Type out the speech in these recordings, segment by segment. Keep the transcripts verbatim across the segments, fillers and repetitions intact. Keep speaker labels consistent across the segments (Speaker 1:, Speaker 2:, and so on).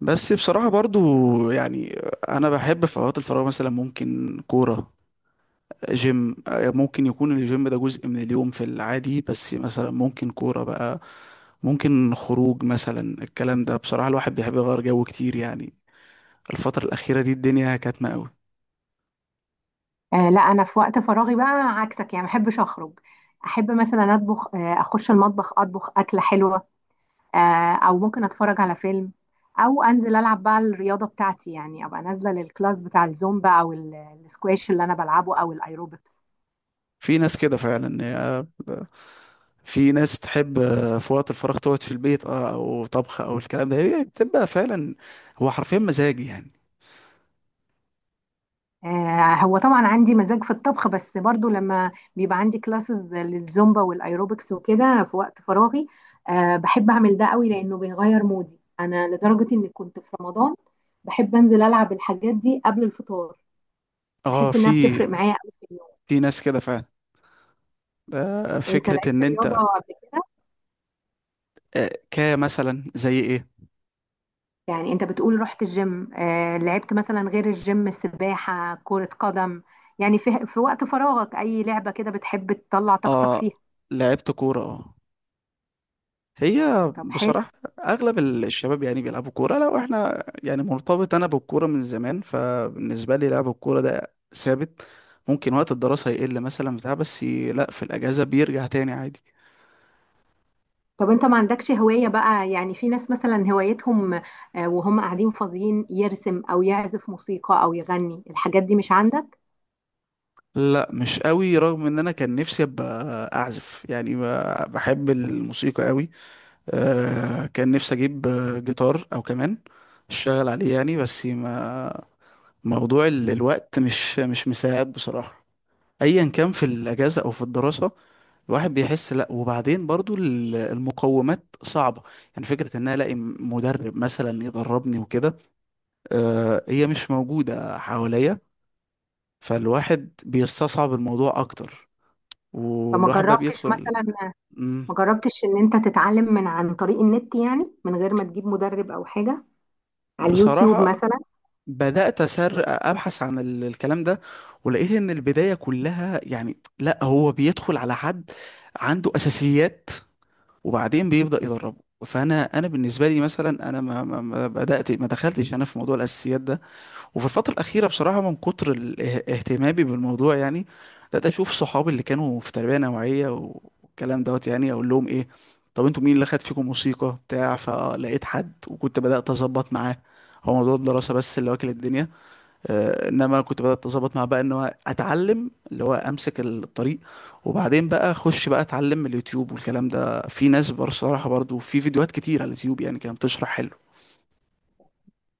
Speaker 1: بس بصراحة برضو، يعني أنا بحب في أوقات الفراغ مثلا ممكن كورة، جيم. ممكن يكون الجيم ده جزء من اليوم في العادي، بس مثلا ممكن كورة بقى، ممكن خروج مثلا. الكلام ده بصراحة الواحد بيحب يغير جو كتير، يعني الفترة الأخيرة دي الدنيا كاتمة قوي.
Speaker 2: آه، لا، انا في وقت فراغي بقى عكسك، يعني ما بحبش اخرج. احب مثلا اطبخ، آه اخش المطبخ اطبخ اكله حلوه. آه او ممكن اتفرج على فيلم، او انزل العب بقى الرياضه بتاعتي، يعني ابقى نازله للكلاس بتاع الزومبا او ال- السكواش اللي انا بلعبه، او الايروبكس.
Speaker 1: في ناس كده فعلا يا- في ناس تحب في وقت الفراغ تقعد في البيت، اه، أو طبخ أو الكلام ده، هي بتبقى فعلا هو حرفيا مزاجي يعني.
Speaker 2: آه، هو طبعا عندي مزاج في الطبخ، بس برضو لما بيبقى عندي كلاسز للزومبا والايروبكس وكده في وقت فراغي، آه، بحب اعمل ده قوي لانه بيغير مودي انا، لدرجة اني كنت في رمضان بحب انزل العب الحاجات دي قبل الفطار.
Speaker 1: اه،
Speaker 2: بحس انها
Speaker 1: في
Speaker 2: بتفرق معايا قوي في اليوم.
Speaker 1: في ناس كده فعلا. آه،
Speaker 2: انت
Speaker 1: فكرة
Speaker 2: لعبت
Speaker 1: ان
Speaker 2: رياضة
Speaker 1: انت
Speaker 2: قبل كده؟
Speaker 1: آه، كمثلا زي ايه.
Speaker 2: يعني انت بتقول رحت الجيم، آه، لعبت مثلا غير الجيم سباحة كرة قدم؟ يعني في في وقت فراغك اي لعبة كده بتحب تطلع طاقتك
Speaker 1: اه،
Speaker 2: فيها؟
Speaker 1: لعبت كورة اه. هي
Speaker 2: طب حلو.
Speaker 1: بصراحة اغلب ال- الشباب يعني بيلعبوا كورة. لو احنا يعني مرتبط انا بالكورة من زمان، فبالنسبة لي لعب الكورة ده ثابت. ممكن وقت الدراسة يقل مثلا بتاع، بس ي- لا في الاجازة بيرجع تاني عادي.
Speaker 2: طب انت ما عندكش هواية بقى؟ يعني في ناس مثلا هوايتهم، آه، وهم قاعدين فاضيين، يرسم او يعزف موسيقى او يغني، الحاجات دي مش عندك؟
Speaker 1: لا، مش قوي، رغم ان انا كان نفسي ابقى اعزف يعني. ب- بحب الموسيقى قوي. آه، كان نفسي اجيب آه، جيتار او كمان، اشتغل عليه يعني، بس ما، موضوع ال- الوقت مش مش مساعد بصراحة، ايا كان في الاجازة او في الدراسة. الواحد بيحس، لا، وبعدين برضو ال- المقومات صعبة. يعني فكرة ان انا الاقي مدرب مثلا يدربني وكده، آه، هي مش موجودة حواليا، فالواحد بيستصعب الموضوع اكتر.
Speaker 2: فما
Speaker 1: والواحد بقى
Speaker 2: جربتش
Speaker 1: بيدخل.
Speaker 2: مثلا ما
Speaker 1: مم.
Speaker 2: جربتش ان انت تتعلم من عن طريق النت، يعني من غير ما تجيب مدرب او حاجة، على اليوتيوب
Speaker 1: بصراحة
Speaker 2: مثلا؟
Speaker 1: بدأت أسر أبحث عن ال- الكلام ده، ولقيت إن البداية كلها يعني، لا هو بيدخل على حد عنده أساسيات وبعدين بيبدأ يدربه. فأنا أنا بالنسبة لي مثلا، أنا ما, ما ما بدأت ما دخلتش أنا في موضوع الأساسيات ده. وفي الفترة الأخيرة بصراحة من كتر ال- اه- اهتمامي بالموضوع يعني، بدأت أشوف صحابي اللي كانوا في تربية نوعية والكلام دوت، يعني أقول لهم إيه، طب أنتوا مين اللي خد فيكم موسيقى بتاع، فلقيت حد وكنت بدأت أظبط معاه. هو موضوع الدراسة بس اللي واكل الدنيا. آه، انما كنت بدات اظبط مع بقى ان هو اتعلم، اللي هو امسك الطريق، وبعدين بقى اخش بقى اتعلم من اليوتيوب والكلام ده. في ناس بصراحه برضو، في فيديوهات كتير على اليوتيوب يعني كانت بتشرح حلو.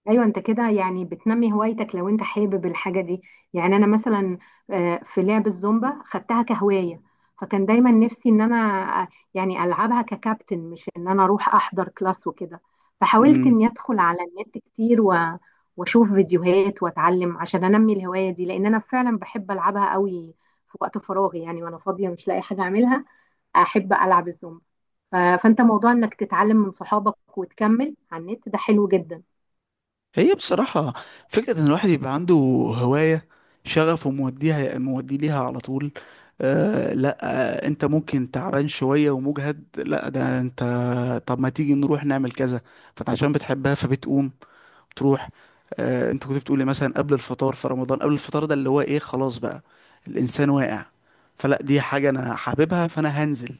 Speaker 2: ايوه، انت كده يعني بتنمي هوايتك لو انت حابب الحاجه دي. يعني انا مثلا، آه، في لعب الزومبا خدتها كهوايه. فكان دايما نفسي ان انا آه، يعني العبها ككابتن، مش ان انا اروح احضر كلاس وكده. فحاولت
Speaker 1: امم
Speaker 2: اني ادخل على النت كتير و... واشوف فيديوهات واتعلم عشان انمي الهوايه دي، لان انا فعلا بحب العبها قوي في وقت فراغي، يعني وانا فاضيه مش لاقي حاجه اعملها احب العب الزومبا. ف... فانت، موضوع انك تتعلم من صحابك وتكمل على النت ده حلو جدا.
Speaker 1: هي بصراحه، فكره ان الواحد يبقى عنده هوايه، شغف، وموديها مودي ليها على طول. آه لا، آه، انت ممكن تعبان شويه ومجهد، لا ده انت، طب ما تيجي نروح نعمل كذا. فانت عشان بتحبها فبتقوم تروح. آه، انت كنت بتقولي مثلا قبل الفطار في رمضان، قبل الفطار ده اللي هو ايه، خلاص بقى الانسان واقع، فلا دي حاجة انا حاببها فانا هنزل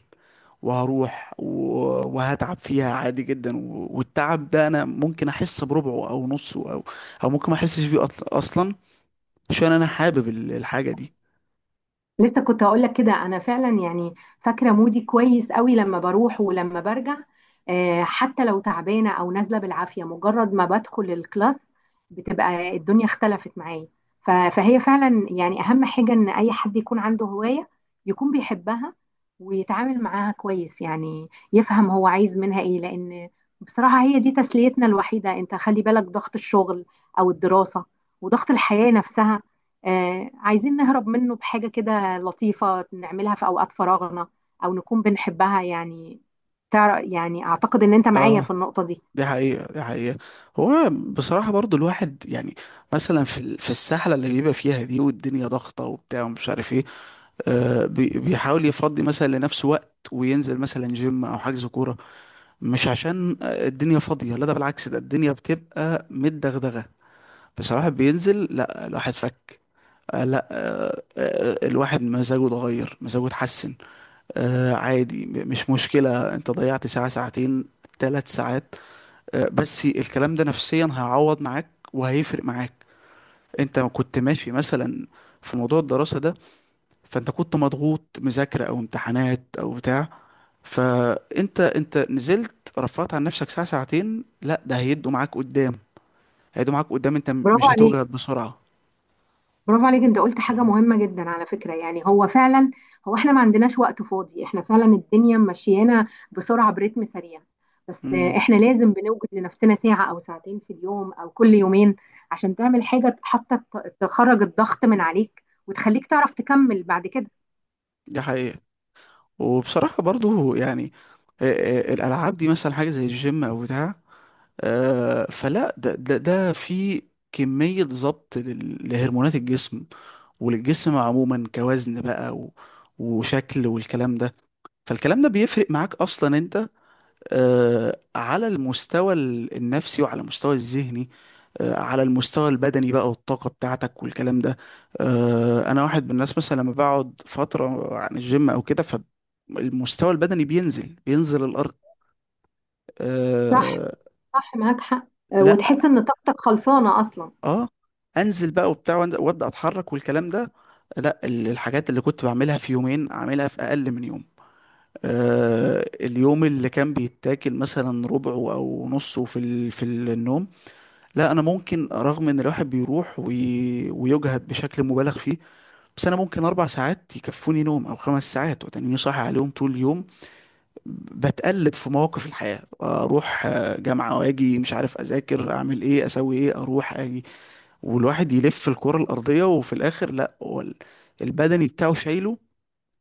Speaker 1: وهروح و- وهتعب فيها عادي جدا، و- والتعب ده انا ممكن احس بربعه او نصه، او او ممكن ما احسش بيه أطل- اصلا، عشان انا حابب ال- الحاجة دي.
Speaker 2: لسه كنت هقول لك كده. انا فعلا يعني فاكره مودي كويس قوي لما بروح ولما برجع. آه، حتى لو تعبانه او نازله بالعافيه، مجرد ما بدخل الكلاس بتبقى الدنيا اختلفت معايا. ف- فهي فعلا يعني اهم حاجه ان اي حد يكون عنده هوايه، يكون بيحبها ويتعامل معاها كويس، يعني يفهم هو عايز منها ايه، لان بصراحه هي دي تسليتنا الوحيده. انت خلي بالك، ضغط الشغل او الدراسه وضغط الحياه نفسها، آه، عايزين نهرب منه بحاجه كده لطيفة نعملها في أوقات فراغنا، أو نكون بنحبها يعني. تعرف؟ يعني أعتقد إن أنت معايا
Speaker 1: اه،
Speaker 2: في النقطة دي.
Speaker 1: دي حقيقة دي حقيقة هو بصراحة برضو الواحد يعني، مثلا في ال- في السحلة اللي بيبقى فيها دي، والدنيا ضغطة وبتاع ومش عارف ايه، آه، بي- بيحاول يفضي مثلا لنفسه وقت وينزل مثلا جيم او حجز كوره. مش عشان آه، الدنيا فاضيه، لا ده بالعكس، ده الدنيا بتبقى متدغدغه بصراحه بينزل. لا، الواحد فك، آه، لا آه، آه، الواحد مزاجه اتغير، مزاجه اتحسن. آه، عادي، م- مش مشكله انت ضيعت ساعه، ساعتين، ثلاث ساعات، آه، بس الكلام ده نفسيا هيعوض معاك وهيفرق معاك. انت كنت ماشي مثلا في موضوع الدراسه ده، فانت كنت مضغوط مذاكرة او امتحانات او بتاع، فانت انت نزلت رفعت عن نفسك ساعة ساعتين، لا ده هيدوا معاك قدام، هيدوا معاك قدام، انت م-
Speaker 2: برافو
Speaker 1: مش
Speaker 2: عليك،
Speaker 1: هتوجد بسرعة.
Speaker 2: برافو عليك. أنت قلت حاجة مهمة جدا على فكرة، يعني هو فعلا. هو إحنا ما عندناش وقت فاضي، إحنا فعلا الدنيا ماشيانا بسرعة، برتم سريع. بس
Speaker 1: امم
Speaker 2: إحنا لازم بنوجد لنفسنا ساعة أو ساعتين في اليوم أو كل يومين، عشان تعمل حاجة حتى ت- تخرج الضغط من عليك وتخليك تعرف تكمل بعد كده.
Speaker 1: دي حقيقة. وبصراحة برضو يعني، آه، آه، الالعاب دي مثلا، حاجة زي الجيم او بتاع، آه، فلا ده ده ده في كمية ضبط لل- لهرمونات الجسم، وللجسم عموما كوزن بقى، و... وشكل والكلام ده. فالكلام ده بيفرق معاك اصلا انت، آه، على المستوى ال- النفسي وعلى المستوى الذهني، آه، على المستوى البدني بقى والطاقة بتاعتك والكلام ده. آه، أنا واحد من الناس مثلا، لما بقعد فترة عن الجيم أو كده فالمستوى البدني بينزل بينزل الأرض.
Speaker 2: صح،
Speaker 1: أه،
Speaker 2: صح، معاك حق. آه، وتحس
Speaker 1: لا،
Speaker 2: إن طاقتك خلصانة أصلا.
Speaker 1: اه، انزل بقى وبتاع وأنزل- وابدا اتحرك والكلام ده، لا ال- الحاجات اللي كنت بعملها في يومين اعملها في اقل من يوم. أه، اليوم اللي كان بيتاكل مثلا ربعه او نصه في ال- في النوم، لا انا ممكن، رغم ان الواحد بيروح وي... ويجهد بشكل مبالغ فيه، بس انا ممكن اربع ساعات يكفوني نوم او خمس ساعات وتنيني صاحي عليهم طول اليوم. بتقلب في مواقف الحياة، اروح آه، جامعة واجي مش عارف اذاكر اعمل ايه اسوي ايه اروح اجي، والواحد يلف الكرة الارضية، وفي الاخر لا، هو ال- البدني بتاعه شايله.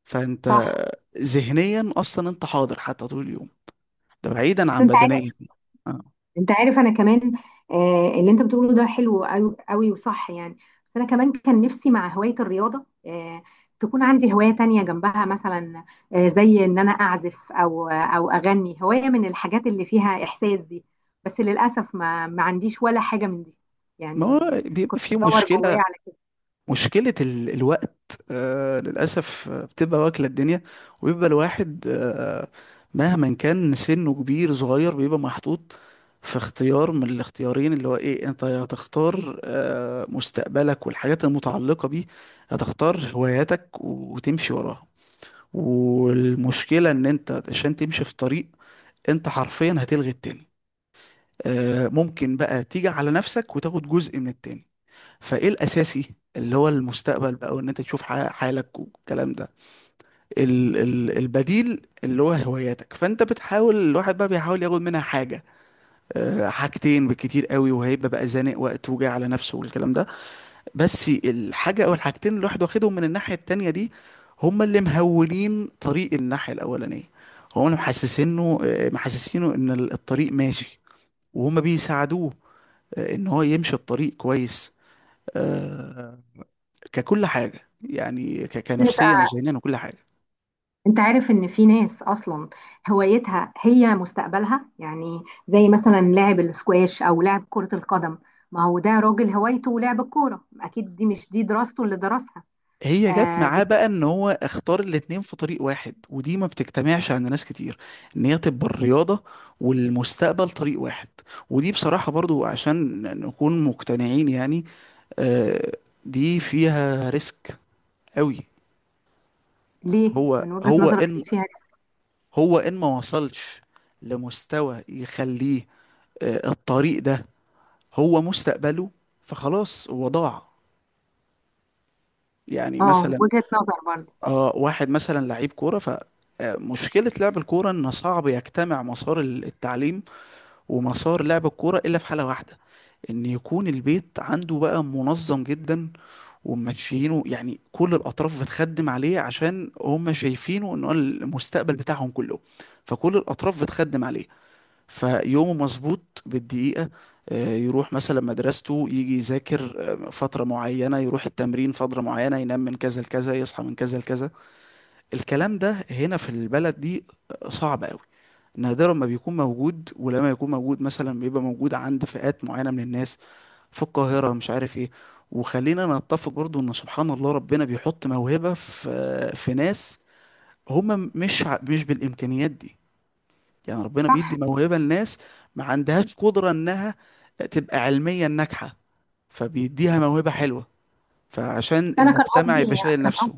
Speaker 1: فانت
Speaker 2: صح.
Speaker 1: ذهنيا اصلا انت حاضر حتى طول اليوم، ده بعيدا
Speaker 2: بس
Speaker 1: عن
Speaker 2: انت
Speaker 1: بدنيا.
Speaker 2: عارف
Speaker 1: آه.
Speaker 2: انت عارف انا كمان، آه اللي انت بتقوله ده حلو قوي قوي وصح يعني. بس انا كمان كان نفسي مع هواية الرياضة، آه تكون عندي هواية تانية جنبها مثلا، آه زي ان انا اعزف او او اغني، هواية من الحاجات اللي فيها احساس دي. بس للاسف ما ما عنديش ولا حاجة من دي
Speaker 1: ما
Speaker 2: يعني.
Speaker 1: هو بيبقى
Speaker 2: كنت
Speaker 1: في
Speaker 2: بدور جوايا
Speaker 1: مشكلة،
Speaker 2: على
Speaker 1: مشكلة ال- الوقت، آه للأسف، آه، بتبقى واكلة الدنيا. وبيبقى الواحد، آه، مهما كان سنه كبير صغير بيبقى محطوط في اختيار من الاختيارين، اللي هو ايه، انت يا هتختار آه مستقبلك والحاجات المتعلقة بيه، هتختار هواياتك وتمشي وراها. والمشكلة ان انت عشان تمشي في طريق، انت حرفيا هتلغي التاني. آه ممكن بقى تيجي على نفسك وتاخد جزء من التاني. فايه الاساسي اللي هو المستقبل بقى، وان انت تشوف ح- حالك والكلام ده، ال ال البديل اللي هو هواياتك، فانت بتحاول، الواحد بقى بيحاول ياخد منها حاجه، أه، حاجتين بالكتير قوي، وهيبقى بقى زانق وقت وجاي على نفسه والكلام ده. بس الحاجه او الحاجتين اللي الواحد واخدهم من الناحيه التانيه دي، هما اللي مهولين طريق الناحيه الاولانيه، هما اللي محسسينه آه، محسسينه ان الطريق ماشي، وهما بيساعدوه آه، ان هو يمشي الطريق كويس، آه، ككل حاجة يعني، ك... كنفسيا
Speaker 2: كده.
Speaker 1: وذهنيا وكل حاجة.
Speaker 2: انت عارف ان في ناس اصلا هوايتها هي مستقبلها، يعني زي مثلا لاعب الاسكواش او لاعب كرة القدم. ما هو ده راجل هوايته لعب الكورة، اكيد دي مش دي دراسته اللي درسها.
Speaker 1: هي جت
Speaker 2: آه
Speaker 1: معاه
Speaker 2: بت...
Speaker 1: بقى، ان هو اختار الاتنين في طريق واحد، ودي ما بتجتمعش عند ناس كتير، ان هي تبقى الرياضة والمستقبل طريق واحد. ودي بصراحة برضو، عشان نكون مقتنعين يعني، آه دي فيها ريسك قوي.
Speaker 2: ليه
Speaker 1: هو
Speaker 2: من وجهة
Speaker 1: هو
Speaker 2: نظرك،
Speaker 1: ان
Speaker 2: ليه فيها ريسك؟
Speaker 1: هو ان ما وصلش لمستوى يخليه، آه الطريق ده هو مستقبله، فخلاص هو ضاع. يعني
Speaker 2: اه،
Speaker 1: مثلا
Speaker 2: وجهة نظر برضه
Speaker 1: اه، واحد مثلا لعيب كورة ف، آه، مشكلة لعب الكورة إن صعب يجتمع مسار ال- التعليم ومسار لعب الكورة، إلا في حالة واحدة، إن يكون البيت عنده بقى منظم جدا وماشيينه، يعني كل الأطراف بتخدم عليه عشان هم شايفينه إن هو المستقبل بتاعهم كله، فكل الأطراف بتخدم عليه، فيومه مظبوط بالدقيقة، آه، يروح مثلا مدرسته يجي يذاكر آه، فترة معينة، يروح التمرين فترة معينة، ينام من كذا لكذا، يصحى من كذا لكذا. الكلام ده هنا في البلد دي صعب قوي، نادرا ما بيكون موجود، ولما يكون موجود مثلا بيبقى موجود عند فئات معينة من الناس في القاهرة، مش عارف ايه. وخلينا نتفق برضو ان سبحان الله ربنا بيحط موهبة في في ناس هم مش ع- مش بالامكانيات دي، يعني ربنا بيدي
Speaker 2: صح.
Speaker 1: موهبة لناس ما عندهاش قدرة انها تبقى علميا ناجحة، فبيديها موهبة حلوة، فعشان
Speaker 2: انا كان
Speaker 1: المجتمع
Speaker 2: قصدي
Speaker 1: يبقى شايل
Speaker 2: كان
Speaker 1: نفسه.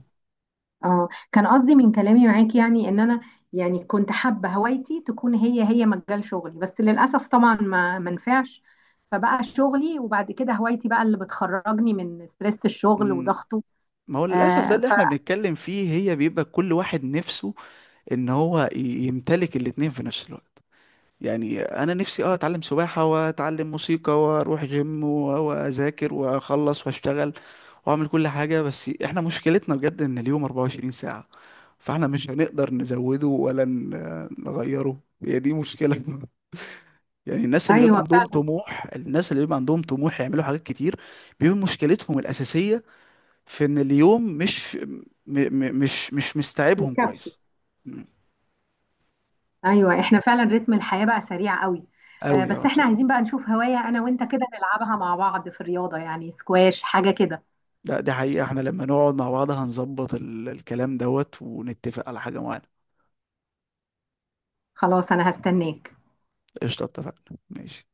Speaker 2: اه كان قصدي من كلامي معاكي، يعني ان انا يعني كنت حابه هوايتي تكون هي هي مجال شغلي، بس للاسف طبعا ما ما نفعش. فبقى شغلي، وبعد كده هوايتي بقى اللي بتخرجني من ستريس الشغل وضغطه.
Speaker 1: ما هو للأسف ده
Speaker 2: آه
Speaker 1: اللي احنا بنتكلم فيه، هي بيبقى كل واحد نفسه ان هو ي- يمتلك الاتنين في نفس الوقت. يعني انا نفسي اه، اتعلم سباحة واتعلم موسيقى واروح جيم و- واذاكر واخلص واشتغل واعمل كل حاجة، بس احنا مشكلتنا بجد ان اليوم أربعة وعشرين ساعة، فاحنا مش هنقدر نزوده ولا ن- نغيره، هي دي مشكلة. يعني الناس اللي بيبقى
Speaker 2: فايوه
Speaker 1: عندهم
Speaker 2: فعلا.
Speaker 1: طموح الناس اللي بيبقى عندهم طموح يعملوا حاجات كتير بيبقى مشكلتهم الأساسية في ان اليوم مش م م مش مش مستوعبهم
Speaker 2: مكفي.
Speaker 1: كويس
Speaker 2: ايوه، احنا فعلا رتم الحياه بقى سريع قوي. آه
Speaker 1: قوي. اه
Speaker 2: بس احنا
Speaker 1: بصراحة.
Speaker 2: عايزين بقى نشوف هوايه انا وانت كده نلعبها مع بعض في الرياضه، يعني سكواش حاجه كده.
Speaker 1: ده دي حقيقة، احنا لما نقعد مع بعض هنظبط ال- الكلام دوت ونتفق على حاجة معينة.
Speaker 2: خلاص، انا هستناك.
Speaker 1: قشطة، اتفقنا، ماشي.